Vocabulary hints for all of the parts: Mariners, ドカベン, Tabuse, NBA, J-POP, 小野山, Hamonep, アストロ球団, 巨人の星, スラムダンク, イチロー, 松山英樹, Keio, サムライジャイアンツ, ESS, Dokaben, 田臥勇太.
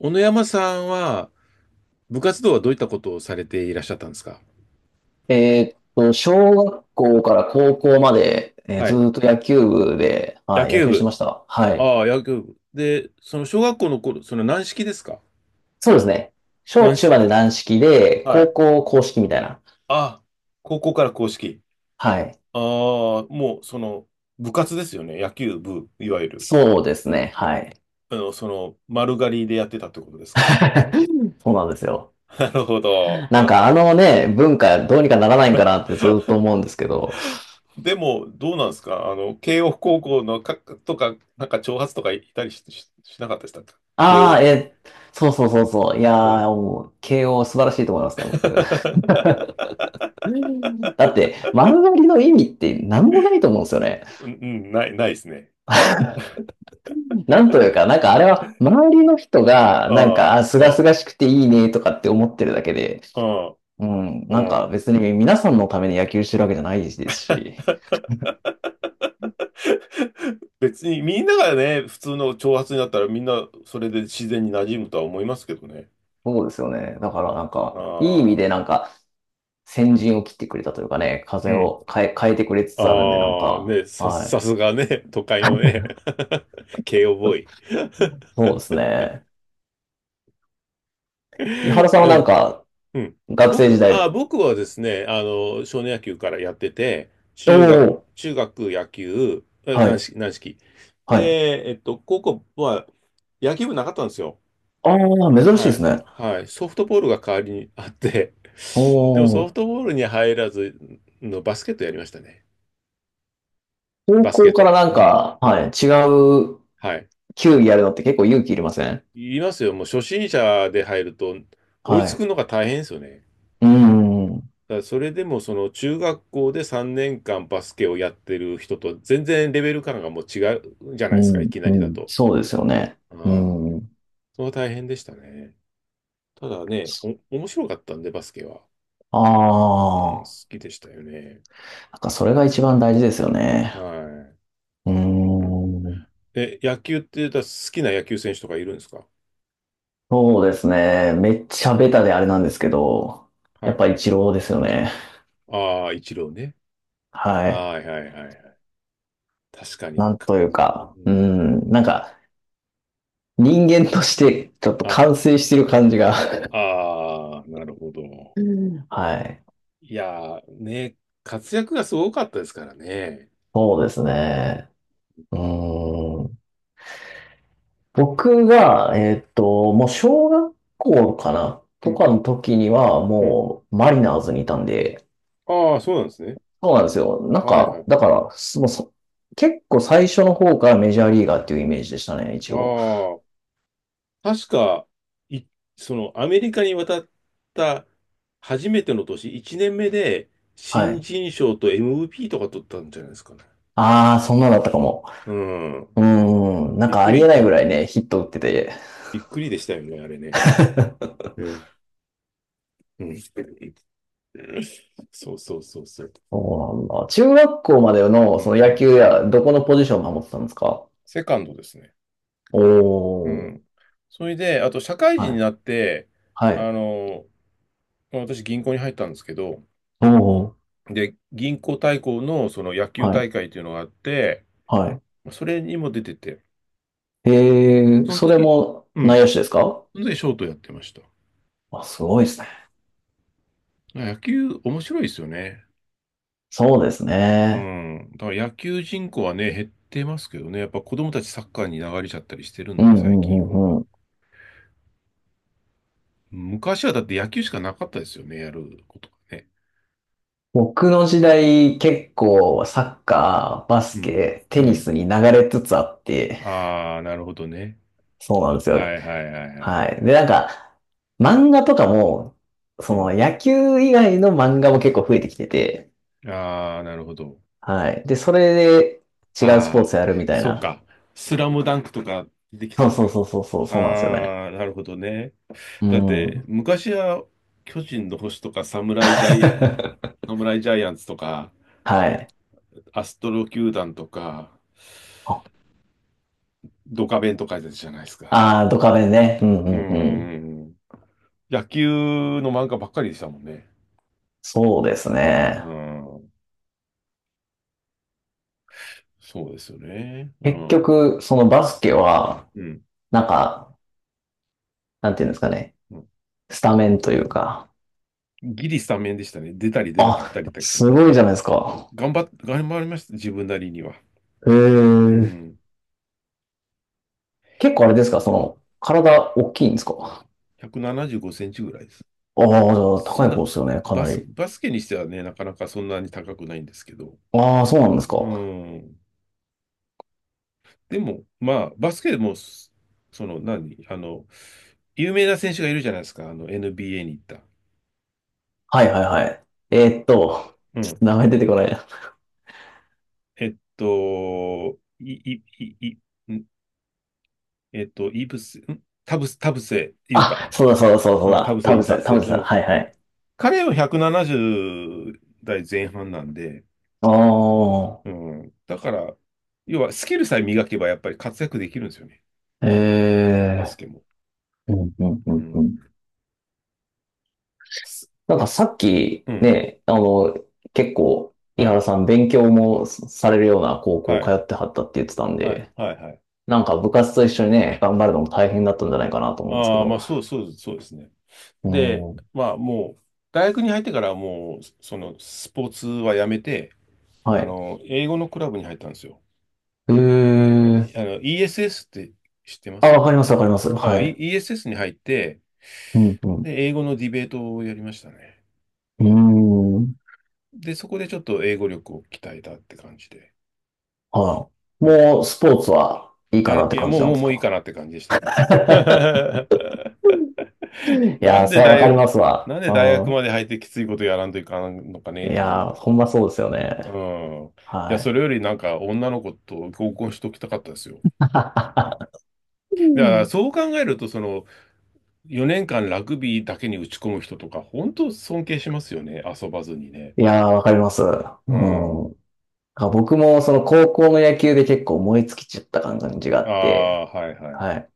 小野山さんは、部活動はどういったことをされていらっしゃったんですか？小学校から高校まで、はずい。ーっと野球部で、野はい、野球球してま部。した。はい。ああ、野球部。で、その小学校の頃、その軟式ですか？そうですね。小軟中式。まで軟式で、は高い。校硬式みたいな。ああ、高校から硬式。はい。ああ、もうその部活ですよね。野球部、いわゆる。そうですね。はい。あの、その丸刈りでやってたってことですか。そうなんですよ。なるほど。なんかあのね、文化どうにかならないんかなってずーっと思う んですけど。でも、どうなんですか慶応高校のか、とか、なんか挑発とかいたりし、しなかったでしたか？慶ああ、応。そうそうそうそう。いやー、もう、慶応素晴らしいと思いますね、僕。だって、丸刈りの意味って何もないと思うんですよね。うん、ないですね。なんというか、なんかあれは、周りの人が、なんあか、あ、すがあ、すがしくていいねとかって思ってるだけで、ああ、うん、うなんかん。別に皆さんのために野球してるわけじゃないですし、別にみんながね、普通の長髪になったらみんなそれで自然に馴染むとは思いますけどね。そうですよね。だからなんあか、いい意味であ、なんか、先陣を切ってくれたというかね、う風ん。を変えてくれつつあるんで、なんああ、か、ね、さはすがね、都会のね、慶応ボーイ。い。そうですね。井原 さんはなんなか、うん。学生時代、僕はですね、あの、少年野球からやってて、おお、中学野球、は軟い、式、軟式。はい。で、えっと、高校は野球部なかったんですよ。ああ、珍しいはですい。ね。はい。ソフトボールが代わりにあって、お でもソフお、トボールに入らずのバスケットやりましたね。高バスケ校ッかト。らなんうん。か、うん。はい、違うはい。球技やるのって結構勇気いりません？言いますよ。もう初心者で入ると追いはつい。くのが大変ですよね。うん、うん、だからそれでもその中学校で3年間バスケをやってる人と全然レベル感がもう違うじゃなういですか、いん、きなうりだんと。そうですよね。ああ、うん。それは大変でしたね。ただね、面白かったんで、バスケは。あうん、好あ、きでしたよね。なんかそれが一番大事ですよね。はうーい。うん、ん。え、野球って言ったら好きな野球選手とかいるんですか？そうですね。めっちゃベタであれなんですけど、はやっい。ぱり一郎ですよね。ああ、イチローね。はい。はいはいはいはい。確かに。なんかというか、ううん。ん、なんか人間として ちょっとあ、完成してる感じが。ああ、なるほど。うんはい。いやー、ね、活躍がすごかったですからね。そうですね。うーん。僕が、もう小学校かなとかの時には、うん。もうマリナーズにいたんで、ああ、そうなんですね。そうなんですよ。なんはいはか、い。だから、もうそ結構最初の方からメジャーリーガーっていうイメージでしたね、一応。ああ、確か、い、その、アメリカに渡った初めての年、1年目で、は新い。人賞と MVP とか取ったんじゃないですかね。ああ、そんなだったかも。うん。うーん、なんびっかくありえり、なういぐらいん。ね、ヒット打ってて。びっくりでしたよね、あれね。うんうん。そうそうそうそう。そうなんだ。中学校までのうそんのう野ん球うや、ん。どこのポジションを守ってたんですか？セカンドですね。うおー。ん。それで、あと、社会人はにい。なって、はあい。の、私、銀行に入ったんですけど、おー。で、銀行対抗のその野球はい。大会というのがあって、はい。それにも出てて、ええ、そのそれ時、もうん、内野手ですか？その時ショートやってました。あ、すごいですね。野球面白いですよね。そうですうね。ん。だから野球人口はね、減ってますけどね、やっぱ子供たちサッカーに流れちゃったりしてるうんで、んう最近んうは。んうん。昔はだって野球しかなかったですよね、やることがね。僕の時代結構サッカー、バうスん。ケ、うテニん。スに流れつつあって、ああ、なるほどね。そうなんですはよ。いはいはいはいははい。で、なんい。か、漫画とかも、うそのん。野球以外の漫画も結構増えてきてて、ああ、なるほど。はい。で、それで違うスポーああ、ツやるみたいそうな。か。スラムダンクとか出てきたそうんそうだ。そうそうそう、そうなんですよね。ああ、なるほどね。うだって、ん。昔は巨人の星とかサムライジャイアンツとか、はい。アストロ球団とか、ドカベンとかじゃないですあか。あ、ドカベンね。うんううーんうん。ん。野球の漫画ばっかりでしたもんね。そうですうね。ん。そうですよね。う結ん。局、そのバスケは、うん。なんか、なんていうんですかね。うんスタメンというか。ギリスタメンでしたね。出たり出なかっあ、たりって感すじ。ごいじゃないですか。頑張りました。自分なりには。へうえ。ん。結構あれですかその、体大きいんですか？175センチぐらいです。ああ、じゃあそ高いんな、方ですよね、かなり。バスケにしてはね、なかなかそんなに高くないんですけど。ああ、そうなんですか。うはん。でも、まあ、バスケでも、その、何、あの、有名な選手がいるじゃないですか、あの、NBA に行った。いはいはい。えーっと、うちょっん。と名前出てこないな。えっと、い、い、い、い、んえっと、イブス、ん田臥勇太。あ、そうだそうだそうだそううん、田だ。臥田勇臥さ太ん、田選。臥うさん。ん。はいはい。彼は170代前半なんで、あうん。だから、要はスキルさえ磨けばやっぱり活躍できるんですよね。あ、えバスえ。ケも。うんうんううんうん。ん。すなんまかあ、さすっきうん。ね、あの、結構、井はい。原さん勉強もされるような高校は通い。ってはったって言ってたんはい。で、はい。はい。なんか部活と一緒にね、頑張るのも大変だったんじゃないかなと思うんですけああ、ど。そうですね。うで、ん。まあ、もう、大学に入ってからはもう、その、スポーツはやめて、はあい。の、英語のクラブに入ったんですよ。えあー。の、ESS って知ってまあ、す？わかります、わかります。はあ、い。ESS に入って、うん、うで、英語のディベートをやりましたね。ん。うーん。で、そこでちょっと英語力を鍛えたって感じで。はい。はいもう、スポーツはいいかなや、っいてや、感じもう、なんもう、ですもういいかか？ なって感じでしたね。いなやー、んそでれはわか大りま学、すわ。なんで大学うまで入ってきついことやらんといかんのかん。ねいと思うんやー、ですほね。んまそうですようね。ん。いや、はそい。れよりなんか女の子と合コンしときたかったですよ。だからそう考えると、その4年間ラグビーだけに打ち込む人とか、本当尊敬しますよね。遊ばずにね。いやー、わかります。ううん。ん。あ、僕もその高校の野球で結構燃え尽きちゃった感じがああって、あ、はいはい。はい。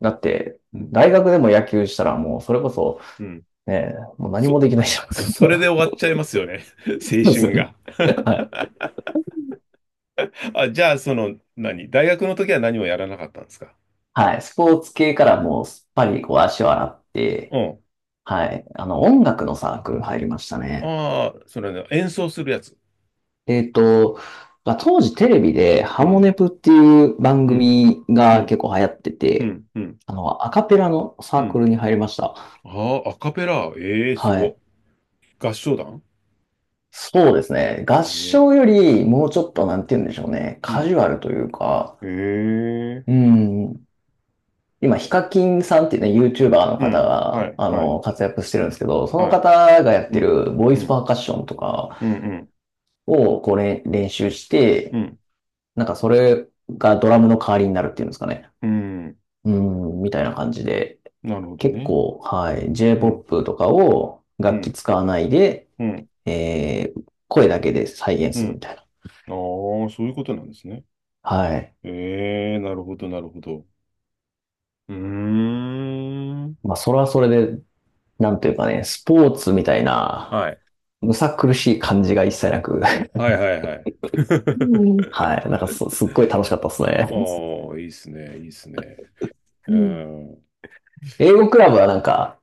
だって、うん。大学でも野球したらもうそれこそ、うん。ね、もう何もそ、できないじゃん。それで終わっちゃいますよね。青そうですよ春ね。が。はい。あ、じゃあ、その、何大学の時は何もやらなかったんですか？はい。スポーツ系からもうすっぱりこう足を洗って、うん。はい。あの、音楽のサークル入りましたね。ああ、それね、演奏するやつ。えっと、まあ、当時テレビでうハモん、ネプっていう番うん、組うがん、結構流行ってうて、ん、うん、あの、アカペラのうサークん。ルに入りました。ああ、アカペラ。ええすはご。い。合唱団？そうですね。合え唱えよりもうちょっとなんて言うんでしょうね。うカジん。ュアルというか、ええうん。今、ヒカキンさんっていうね、YouTuber のう方ん。はが、い、あはい、の、活躍してるんですけど、そのはい。方がやっうてん、るボイうスん、パーカッションとかうん、うん、をこう練習しうて、ん。なんかそれがドラムの代わりになるっていうんですかね。うんうん、みたいな感じで、なるほど結ね。構、はい、うん、J-POP とかをう楽器ん、使わないで、うん、声だけで再現うするみん。たいな。ああ、そういうことなんですね。はい。ええなるほど、なるほど。うーん。まあ、それはそれで、なんというかね、スポーツみたいな、はい。むさ苦しい感じが一切なく、はいはいはい。うん。はい。なんかすっごい楽しかったですあね。あ、いいっすね、いいっすね。ううんん。英語クラブはなんか、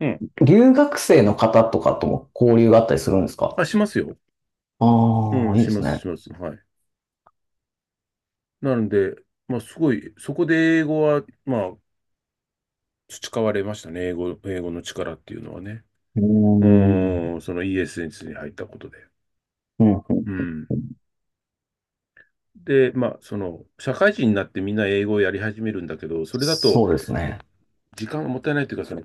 うん。留学生の方とかとも交流があったりするんですか？あ、しますよ。あうあ、ん、いいしでますす、しね。ます。はい。なので、まあ、すごい、そこで英語は、まあ、培われましたね。英語、英語の力っていうのはね。うーうん。ん、その ESS に入ったことで。うん。うん。で、まあ、その、社会人になってみんな英語をやり始めるんだけど、それだと、そうですね。時間がもったいないというか、その、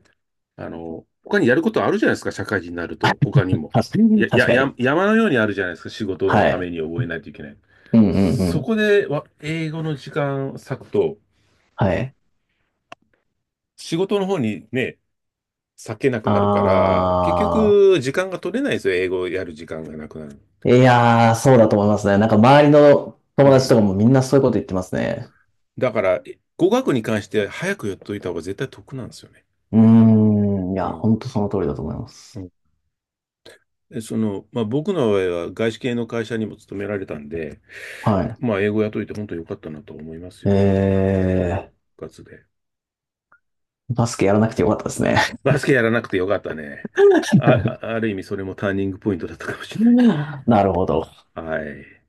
あの、他にやることあるじゃないですか、社会人になると、他に も。確かに。や、確や、かや、に。山のようにあるじゃないですか、仕事のはためい。に覚えないといけない。うんうんうそん。こでわ英語の時間を割くと、はい。仕事の方にね、割けなくなるから、結あ局、時間が取れないですよ、英語をやる時間がなくなる。あ、いやー、そうだと思いますね。なんか周りのう友達とかん。もみんなそういうこと言ってますね。だから、え語学に関して早くやっといた方が絶対得なんですよね。うーん、いうや、本ん。当その通りだと思いまうす。んでその、まあ、僕の場合は外資系の会社にも勤められたんで、はい。まあ、英語やっといて本当によかったなと思いますよ。うんえ部活で。バスケやらなくてよかったですね。バスケやらなくてよかったね。あ、ある意味それもターニングポイントだったかもしれななるほど。い。はい。